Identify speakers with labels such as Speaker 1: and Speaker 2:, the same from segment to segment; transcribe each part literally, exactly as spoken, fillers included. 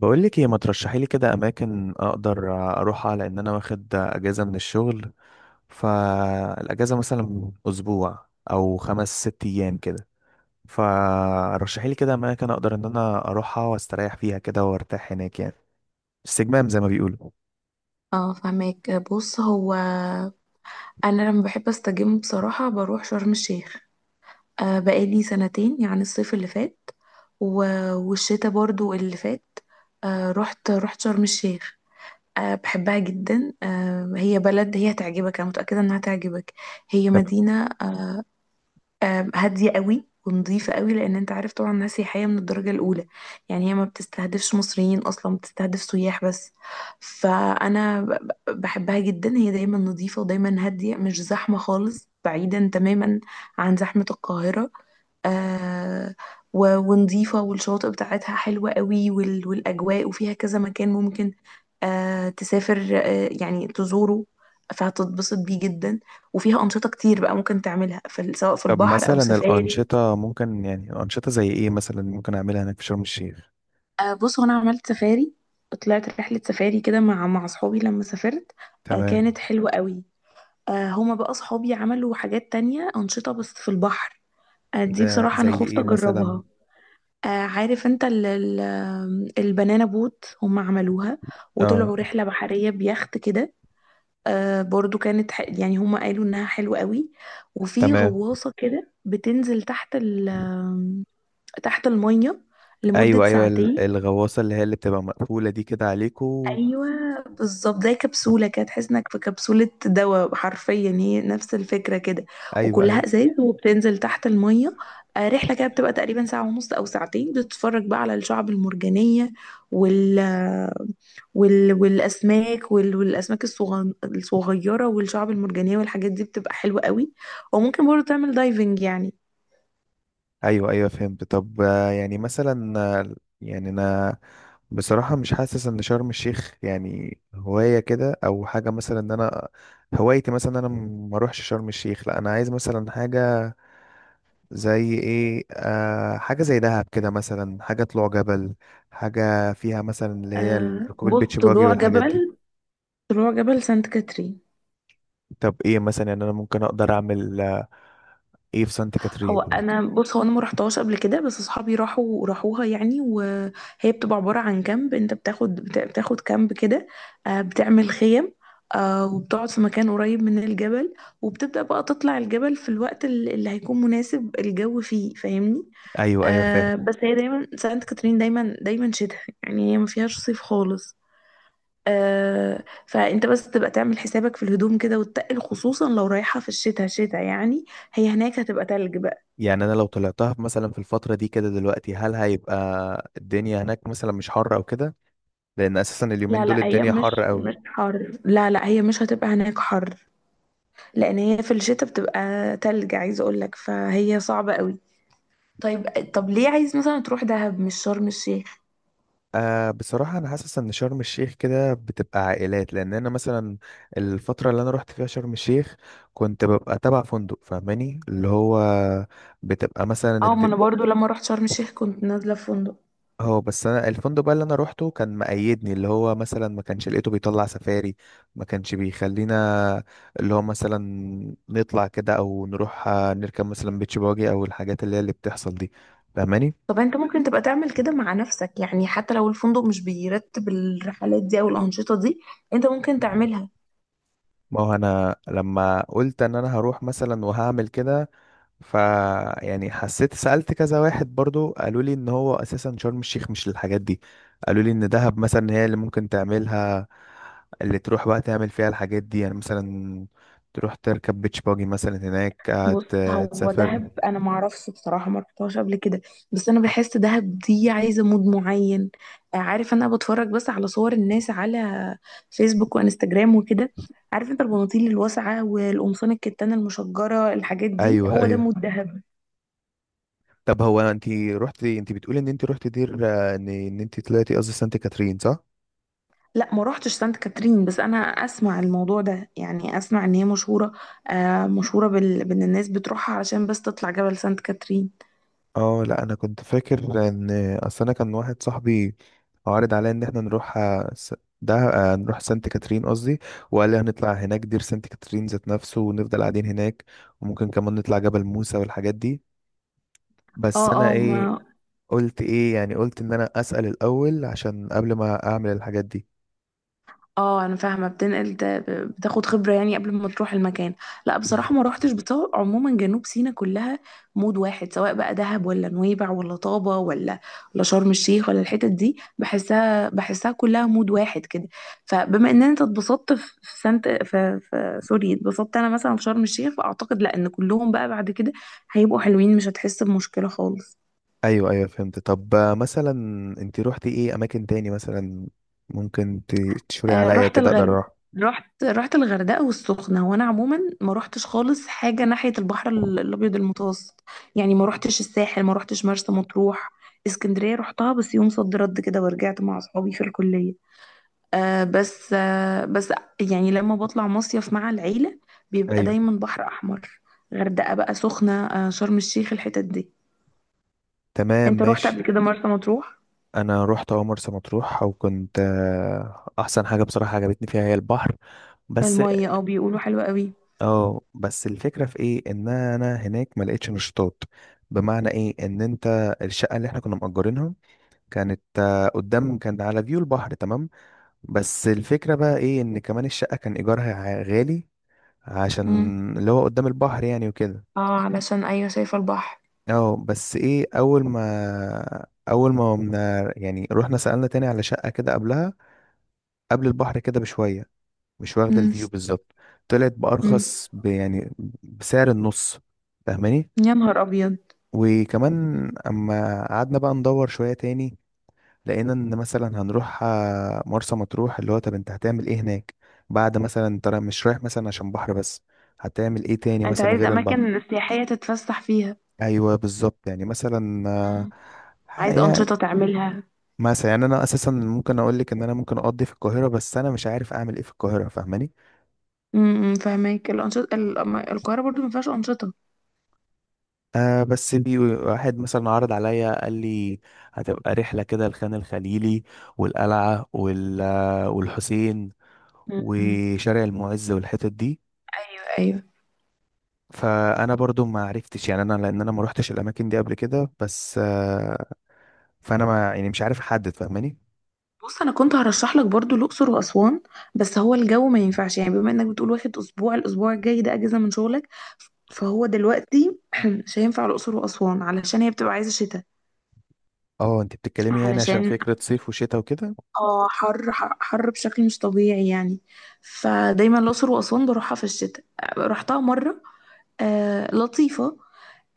Speaker 1: بقول لك ايه؟ ما ترشحي لي كده اماكن اقدر اروحها، لان انا واخد اجازه من الشغل. فالاجازه مثلا اسبوع او خمس ست ايام كده. فرشحي لي كده اماكن اقدر ان انا اروحها واستريح فيها كده وارتاح هناك، يعني استجمام زي ما بيقولوا.
Speaker 2: اه فهماك، بص، هو انا لما بحب استجم بصراحة بروح شرم الشيخ. آه بقالي سنتين، يعني الصيف اللي فات و- والشتاء برضو اللي فات. آه رحت رحت شرم الشيخ. آه بحبها جدا. آه، هي بلد، هي هتعجبك، انا متأكدة انها هتعجبك. هي
Speaker 1: طب
Speaker 2: مدينة آم، هادية قوي ونظيفة قوي، لأن أنت عارف طبعا، ناس سياحية من الدرجة الأولى. يعني هي ما بتستهدفش مصريين أصلا، بتستهدف سياح بس. فأنا ب- ب- بحبها جدا، هي دايما نظيفة ودايما هادية، مش زحمة خالص، بعيدا تماما عن زحمة القاهرة. آه، و- ونضيفة، والشواطئ بتاعتها حلوة قوي، وال- والأجواء، وفيها كذا مكان ممكن آه تسافر، آه يعني تزوره، فهتتبسط بيه جدا. وفيها أنشطة كتير بقى ممكن تعملها في ال- سواء في
Speaker 1: طب
Speaker 2: البحر أو
Speaker 1: مثلا
Speaker 2: سفاري سفاري.
Speaker 1: الانشطه ممكن، يعني انشطه زي ايه مثلا ممكن اعملها هناك في شرم الشيخ؟
Speaker 2: آه بص، هو انا عملت سفاري، طلعت رحله سفاري كده مع مع اصحابي لما سافرت. آه
Speaker 1: تمام.
Speaker 2: كانت حلوه قوي. آه هما بقى اصحابي عملوا حاجات تانية، انشطه بس في البحر. آه دي
Speaker 1: ده
Speaker 2: بصراحه انا
Speaker 1: زي
Speaker 2: خفت
Speaker 1: ايه مثلا؟
Speaker 2: اجربها. آه عارف انت، ال ال البنانا بوت هما عملوها،
Speaker 1: اه
Speaker 2: وطلعوا رحله بحريه بيخت كده. آه برضو كانت ح... يعني هما قالوا انها حلوه قوي. وفي
Speaker 1: تمام.
Speaker 2: غواصه كده بتنزل تحت ال تحت المية لمدة
Speaker 1: ايوه ايوه، ال-
Speaker 2: ساعتين.
Speaker 1: الغواصه اللي هي اللي بتبقى مقفوله دي كده عليكو.
Speaker 2: ايوه بالظبط، زي كبسولة كده، تحس انك في كبسولة دواء، حرفيا هي نفس الفكرة كده،
Speaker 1: ايوه
Speaker 2: وكلها
Speaker 1: ايوه.
Speaker 2: ازاز وبتنزل تحت المية. آه، رحلة كده بتبقى تقريبا ساعة ونص او ساعتين، بتتفرج بقى على الشعب المرجانية، وال وال... والاسماك، وال... والاسماك الصغ... الصغيره والشعاب المرجانيه والحاجات دي بتبقى حلوه قوي. وممكن برضه تعمل دايفنج يعني.
Speaker 1: ايوه ايوه فهمت. طب آه، يعني مثلا، آه، يعني انا بصراحة مش حاسس ان شرم الشيخ يعني هواية كده او حاجة، مثلا ان انا هوايتي مثلا إن انا ما اروحش شرم الشيخ. لا، انا عايز مثلا حاجة زي ايه؟ آه، حاجة زي دهب كده مثلا، حاجة طلوع جبل، حاجة فيها مثلا اللي هي
Speaker 2: آه
Speaker 1: ركوب
Speaker 2: بص،
Speaker 1: البيتش باجي
Speaker 2: طلوع
Speaker 1: والحاجات دي.
Speaker 2: جبل طلوع جبل سانت كاترين.
Speaker 1: طب ايه مثلا؟ يعني انا ممكن اقدر اعمل، آه، ايه في سانت
Speaker 2: هو
Speaker 1: كاترين؟
Speaker 2: انا، بص، هو انا ما رحتهاش قبل كده، بس اصحابي راحوا راحوها يعني، وهي بتبقى عباره عن كامب، انت بتاخد بت- بتاخد كامب كده. آه، بتعمل خيم، آه، وبتقعد في مكان قريب من الجبل. وبتبدا بقى تطلع الجبل في الوقت ال- اللي هيكون مناسب، الجو فيه فاهمني.
Speaker 1: ايوه ايوه فاهم.
Speaker 2: آه، بس هي دايما، سانت كاترين دايما دايما شتاء، يعني هي ما فيهاش صيف خالص. آه، فانت بس تبقى تعمل حسابك في الهدوم كده وتتقل، خصوصا لو رايحه في الشتاء، شتاء يعني هي هناك هتبقى تلج.
Speaker 1: يعني انا لو طلعتها في- مثلا في الفتره دي كده دلوقتي، هل هيبقى الدنيا هناك مثلا مش حر او كده؟ لان اساسا
Speaker 2: لا،
Speaker 1: اليومين دول
Speaker 2: لا، هي
Speaker 1: الدنيا
Speaker 2: مش
Speaker 1: حر قوي.
Speaker 2: مش حر، لا، لا، هي مش هتبقى هناك حر، لان هي في الشتاء بتبقى تلج، عايزه اقول لك، فهي صعبه قوي. طيب. طب ليه عايز مثلا تروح دهب مش شرم الشيخ؟
Speaker 1: آه بصراحه انا حاسس ان شرم الشيخ كده بتبقى عائلات، لان انا مثلا الفتره اللي انا رحت فيها شرم الشيخ كنت ببقى تبع فندق، فاهماني؟ اللي هو بتبقى مثلا
Speaker 2: اه، ما
Speaker 1: الد-
Speaker 2: انا برضو لما رحت شرم الشيخ كنت نازله في فندق.
Speaker 1: اه بس انا الفندق بقى اللي انا روحته كان مقيدني، اللي هو مثلا ما كانش لقيته بيطلع سفاري، ما كانش بيخلينا اللي هو مثلا نطلع كده او نروح، آه، نركب مثلا بيتش باجي او الحاجات اللي هي اللي بتحصل دي، فاهماني؟
Speaker 2: طب انت ممكن تبقى تعمل كده مع نفسك، يعني حتى لو الفندق مش بيرتب الرحلات دي او الانشطه دي، انت ممكن تعملها.
Speaker 1: ما هو انا لما قلت ان انا هروح مثلا وهعمل كده، ف يعني حسيت، سألت كذا واحد برضو قالوا لي ان هو اساسا شرم الشيخ مش للحاجات دي، قالوا لي ان دهب مثلا هي اللي ممكن تعملها، اللي تروح بقى تعمل فيها الحاجات دي يعني مثلا، تروح تركب بيتش باجي مثلا هناك، آه،
Speaker 2: بص،
Speaker 1: ت-
Speaker 2: هو
Speaker 1: تسافر.
Speaker 2: دهب انا ما اعرفش بصراحه، ما رحتهاش قبل كده، بس انا بحس دهب دي عايزه مود معين. آه، عارف، انا بتفرج بس على صور الناس على فيسبوك وانستجرام وكده. عارف انت، البناطيل الواسعه والقمصان الكتان المشجره، الحاجات دي
Speaker 1: ايوه
Speaker 2: هو ده
Speaker 1: ايوه.
Speaker 2: مود دهب.
Speaker 1: طب هو انت رحتي، انت بتقولي ان انت رحتي دير، آه، ان ان انت طلعتي، قصدي سانت كاترين، صح؟
Speaker 2: لا، ما روحتش سانت كاترين، بس انا اسمع الموضوع ده، يعني اسمع ان هي مشهوره. آه مشهوره بال... بان الناس بتروحها علشان بس تطلع جبل سانت كاترين.
Speaker 1: اه لا، انا كنت فاكر ان اصل انا كان واحد صاحبي عارض عليا ان احنا نروح، آه، س- ده آه، نروح سانت كاترين قصدي، وقال لي هنطلع هناك دير سانت كاترين ذات نفسه ونفضل قاعدين هناك، وممكن كمان نطلع جبل موسى والحاجات دي. بس
Speaker 2: اه،
Speaker 1: انا
Speaker 2: اه، ما
Speaker 1: ايه قلت ايه؟ يعني قلت ان انا اسأل الاول عشان قبل ما اعمل الحاجات دي.
Speaker 2: اه انا فاهمه، بتنقل ده- بتاخد خبره يعني قبل ما تروح المكان. لا بصراحه ما
Speaker 1: بالظبط.
Speaker 2: روحتش بطول، عموما جنوب سيناء كلها مود واحد، سواء بقى دهب ولا نويبع ولا طابه ولا ولا شرم الشيخ ولا الحتت دي، بحسها بحسها كلها مود واحد كده. فبما ان انت اتبسطت في في سانت، في, في سوري، اتبسطت انا مثلا في شرم الشيخ، فاعتقد لا، ان كلهم بقى بعد كده هيبقوا حلوين، مش هتحس بمشكله خالص.
Speaker 1: ايوه ايوه فهمت. طب آه، مثلا انت روحتي ايه اماكن تاني مثلا ممكن ت- تشوري
Speaker 2: آه،
Speaker 1: عليا
Speaker 2: رحت
Speaker 1: كده اقدر
Speaker 2: الغرب،
Speaker 1: اروح؟
Speaker 2: رحت رحت الغردقة والسخنة، وانا عموما ما رحتش خالص حاجة ناحية البحر ال- الابيض المتوسط، يعني ما رحتش الساحل، ما رحتش مرسى مطروح. اسكندرية رحتها بس يوم صد رد كده، ورجعت مع اصحابي في الكلية. آه بس آه بس يعني لما بطلع مصيف مع العيلة، بيبقى
Speaker 1: ايوه
Speaker 2: دايما بحر احمر. غردقة بقى، سخنة، آه شرم الشيخ، الحتت دي.
Speaker 1: تمام
Speaker 2: انت رحت قبل
Speaker 1: ماشي.
Speaker 2: كده مرسى مطروح؟
Speaker 1: انا رحت اول مرسى مطروح، وكنت آه، احسن حاجه بصراحه عجبتني فيها هي البحر بس.
Speaker 2: المية، اه بيقولوا حلوة قوي.
Speaker 1: اه بس الفكره في ايه؟ ان انا هناك ما لقيتش نشاطات. بمعنى ايه ان انت الشقه اللي احنا كنا مأجرينها كانت آه، قدام، كان على فيو البحر، تمام. بس الفكرة بقى ايه؟ ان كمان الشقة كان ايجارها ع- غالي،
Speaker 2: امم
Speaker 1: عشان اللي هو قدام البحر يعني وكده.
Speaker 2: اه علشان، ايوه شايفة البحر.
Speaker 1: اه بس ايه، اول ما اول ما قمنا يعني رحنا سألنا تاني على شقة كده قبلها، قبل البحر كده بشوية، مش واخدة
Speaker 2: امم
Speaker 1: الفيو بالظبط، طلعت بأرخص، ب- يعني بسعر النص، فاهماني؟
Speaker 2: يا نهار أبيض.
Speaker 1: وكمان اما قعدنا بقى ندور شوية تاني، لقينا ان مثلا هنروح، آه، مرسى مطروح اللي هو طب انت هتعمل ايه هناك بعد مثلا انت را- مش رايح مثلا عشان بحر بس، هتعمل ايه تاني
Speaker 2: أنت
Speaker 1: مثلا
Speaker 2: عايز
Speaker 1: غير البحر؟
Speaker 2: أماكن سياحية تتفسح فيها.
Speaker 1: ايوه بالظبط. يعني مثلا آه،
Speaker 2: مم.
Speaker 1: ح-
Speaker 2: عايز
Speaker 1: يعني
Speaker 2: أنشطة تعملها.
Speaker 1: مثلا، يعني انا اساسا ممكن اقول لك ان انا ممكن اقضي في القاهره، بس انا مش عارف اعمل ايه في القاهره، فاهماني؟
Speaker 2: امم فاهمك، الأنشطة ال- أما القاهرة برضو ما فيهاش أنشطة.
Speaker 1: آه بس في واحد مثلا عرض عليا، قال لي هتبقى رحله كده الخان الخليلي والقلعه وال- آه، والحسين
Speaker 2: مم.
Speaker 1: وشارع المعز والحتت دي.
Speaker 2: ايوه، ايوه،
Speaker 1: فانا برضو ما عرفتش يعني انا، لان انا ما روحتش الاماكن دي قبل كده، بس آه، فانا ما يعني مش عارف احدد، فاهماني؟
Speaker 2: بص انا كنت هرشح لك برضو الاقصر واسوان. بس هو الجو ما ينفعش، يعني بما انك بتقول واخد اسبوع، الاسبوع الجاي ده اجازه من شغلك، فهو دلوقتي مش هينفع الاقصر واسوان، علشان هي بتبقى عايزه شتاء.
Speaker 1: اه انت بتتكلمي يعني عشان
Speaker 2: علشان،
Speaker 1: فكرة صيف وشتاء وكده.
Speaker 2: اه حر، حر، حر بشكل مش طبيعي يعني. فدايما الأقصر وأسوان بروحها في الشتاء، رحتها مرة. آه لطيفة.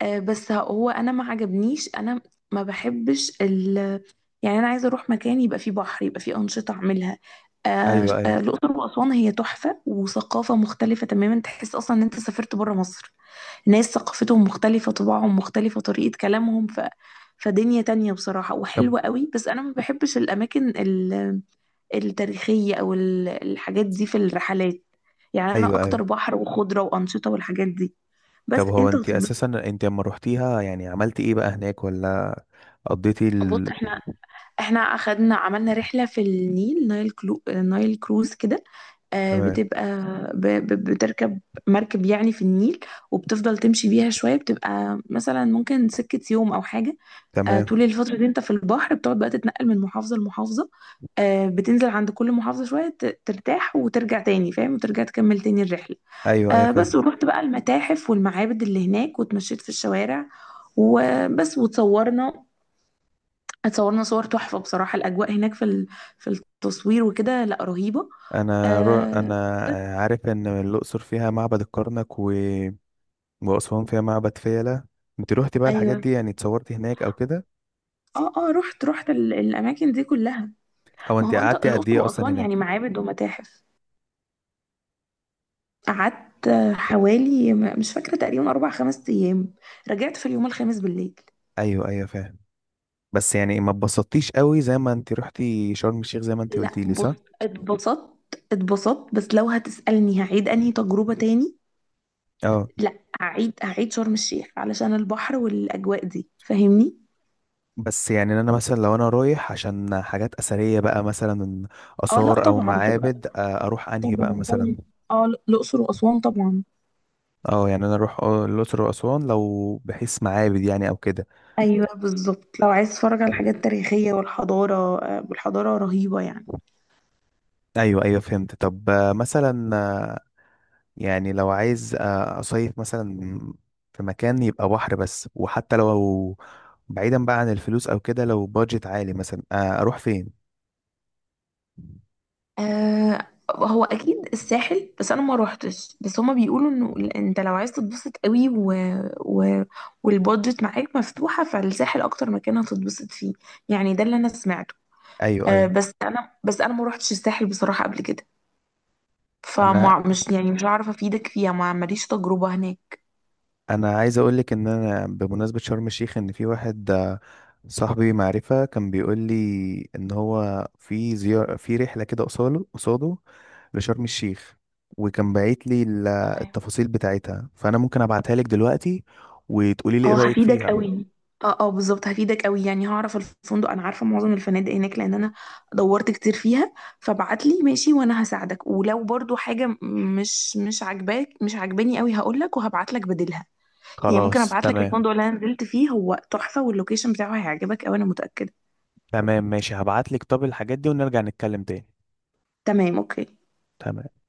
Speaker 2: آه، بس هو انا ما عجبنيش انا، ما بحبش ال يعني انا عايزه اروح مكان يبقى فيه بحر، يبقى فيه انشطه اعملها. آه،
Speaker 1: ايوه ايوه.
Speaker 2: آه، الاقصر واسوان هي تحفه وثقافه مختلفه تماما، تحس اصلا ان انت سافرت بره مصر. ناس ثقافتهم مختلفه، طباعهم مختلفه، طريقه كلامهم، ف فدنيا تانية بصراحة
Speaker 1: طب
Speaker 2: وحلوة قوي. بس أنا ما بحبش الأماكن ال- التاريخية أو ال- الحاجات دي في الرحلات، يعني أنا
Speaker 1: ايوه ايوه.
Speaker 2: أكتر بحر وخضرة وأنشطة والحاجات دي. بس
Speaker 1: طب هو
Speaker 2: أنت
Speaker 1: انت اساسا
Speaker 2: هتتبسط.
Speaker 1: انت لما روحتيها يعني عملتي ايه بقى هناك، ولا قضيتي
Speaker 2: بص،
Speaker 1: ال...
Speaker 2: إحنا احنا اخدنا، عملنا رحلة في النيل، نايل كلو... نايل كروز كده. آه،
Speaker 1: تمام.
Speaker 2: بتبقى ب... ب... بتركب مركب يعني في النيل. وبتفضل تمشي بيها شوية، بتبقى مثلا ممكن سكة يوم أو حاجة. آه، طول
Speaker 1: تمام.
Speaker 2: الفترة دي أنت في البحر، بتقعد بقى تتنقل من محافظة لمحافظة. آه، بتنزل عند كل محافظة شوية، ت- ترتاح وترجع تاني فاهم، وترجع تكمل تاني الرحلة.
Speaker 1: ايوه ايوه
Speaker 2: آه، بس
Speaker 1: فاهم.
Speaker 2: ورحت بقى المتاحف والمعابد اللي هناك، واتمشيت في الشوارع وبس، وتصورنا اتصورنا صور تحفة بصراحة، الأجواء هناك في ال- في التصوير وكده، لا رهيبة.
Speaker 1: انا رو...
Speaker 2: آه
Speaker 1: انا
Speaker 2: بس،
Speaker 1: عارف ان الاقصر فيها معبد الكرنك و... واسوان فيها معبد فيلة. انت روحتي بقى الحاجات
Speaker 2: أيوه.
Speaker 1: دي؟ يعني اتصورتي هناك او كده؟
Speaker 2: اه اه رحت رحت ال- الأماكن دي كلها.
Speaker 1: هو
Speaker 2: ما
Speaker 1: انت
Speaker 2: هو أنت،
Speaker 1: قعدتي قد
Speaker 2: الأقصر
Speaker 1: ايه اصلا
Speaker 2: وأسوان يعني
Speaker 1: هناك؟
Speaker 2: معابد ومتاحف، قعدت حوالي م- مش فاكرة تقريبا أربع خمس أيام، رجعت في اليوم الخامس بالليل.
Speaker 1: ايوه ايوه فاهم. بس يعني ما اتبسطتيش قوي زي ما انت رحتي شرم الشيخ زي ما انت
Speaker 2: لا
Speaker 1: قلتي لي،
Speaker 2: بص،
Speaker 1: صح؟
Speaker 2: اتبسطت، اتبسطت بس لو هتسألني هعيد أنهي تجربة تاني،
Speaker 1: اه
Speaker 2: لا، هعيد هعيد شرم الشيخ علشان البحر والأجواء دي، فاهمني؟
Speaker 1: بس يعني انا مثلا لو انا رايح عشان حاجات اثريه بقى مثلا،
Speaker 2: اه لا
Speaker 1: اثار او
Speaker 2: طبعا، تبقى
Speaker 1: معابد، آه، اروح انهي بقى
Speaker 2: طبعا،
Speaker 1: مثلا؟
Speaker 2: طبعا، اه الأقصر وأسوان طبعا.
Speaker 1: اه يعني انا اروح آه، الاقصر واسوان لو بحيث معابد يعني او كده.
Speaker 2: ايوه بالظبط، لو عايز تتفرج على الحاجات التاريخية والحضارة، آه، والحضارة رهيبة يعني.
Speaker 1: ايوه ايوه فهمت. طب آه، مثلا آه، يعني لو عايز آه، اصيف مثلا في مكان يبقى بحر بس، وحتى لو بعيدا بقى عن الفلوس او كده، لو بادجت عالي مثلا، آه، اروح فين؟
Speaker 2: آه هو اكيد الساحل، بس انا ما روحتش، بس هما بيقولوا انه ال- انت لو عايز تتبسط قوي و... و... والبادجت معاك مفتوحة، فالساحل اكتر مكان هتتبسط فيه، يعني ده اللي انا سمعته.
Speaker 1: ايوه
Speaker 2: آه
Speaker 1: ايوه.
Speaker 2: بس انا بس انا ما روحتش الساحل بصراحة قبل كده،
Speaker 1: انا
Speaker 2: فمش يعني مش هعرف افيدك فيها، ما ماليش تجربة هناك.
Speaker 1: انا عايز اقول لك ان انا بمناسبه شرم الشيخ، ان في واحد آه، صاحبي معرفه كان بيقول لي ان هو في زيارة، في رحله كده قصاله قصاده لشرم الشيخ، وكان باعت لي ال- التفاصيل بتاعتها، فانا ممكن ابعتها لك دلوقتي وتقولي لي ايه
Speaker 2: اه
Speaker 1: رايك
Speaker 2: هفيدك
Speaker 1: فيها.
Speaker 2: قوي، اه اه بالظبط هفيدك قوي، يعني هعرف الفندق، انا عارفه معظم الفنادق هناك، لان انا دورت كتير فيها. فبعت لي، ماشي، وانا هساعدك، ولو برضو حاجه م- مش مش عاجباك، مش عاجباني قوي هقول لك، وهبعت لك بديلها. يعني ممكن
Speaker 1: خلاص
Speaker 2: ابعت لك
Speaker 1: تمام.
Speaker 2: الفندق اللي انا نزلت فيه، هو تحفه، واللوكيشن بتاعه هيعجبك قوي انا متاكده.
Speaker 1: تمام ماشي، هبعت لك طب الحاجات دي ونرجع نتكلم تاني.
Speaker 2: تمام، اوكي.
Speaker 1: تمام.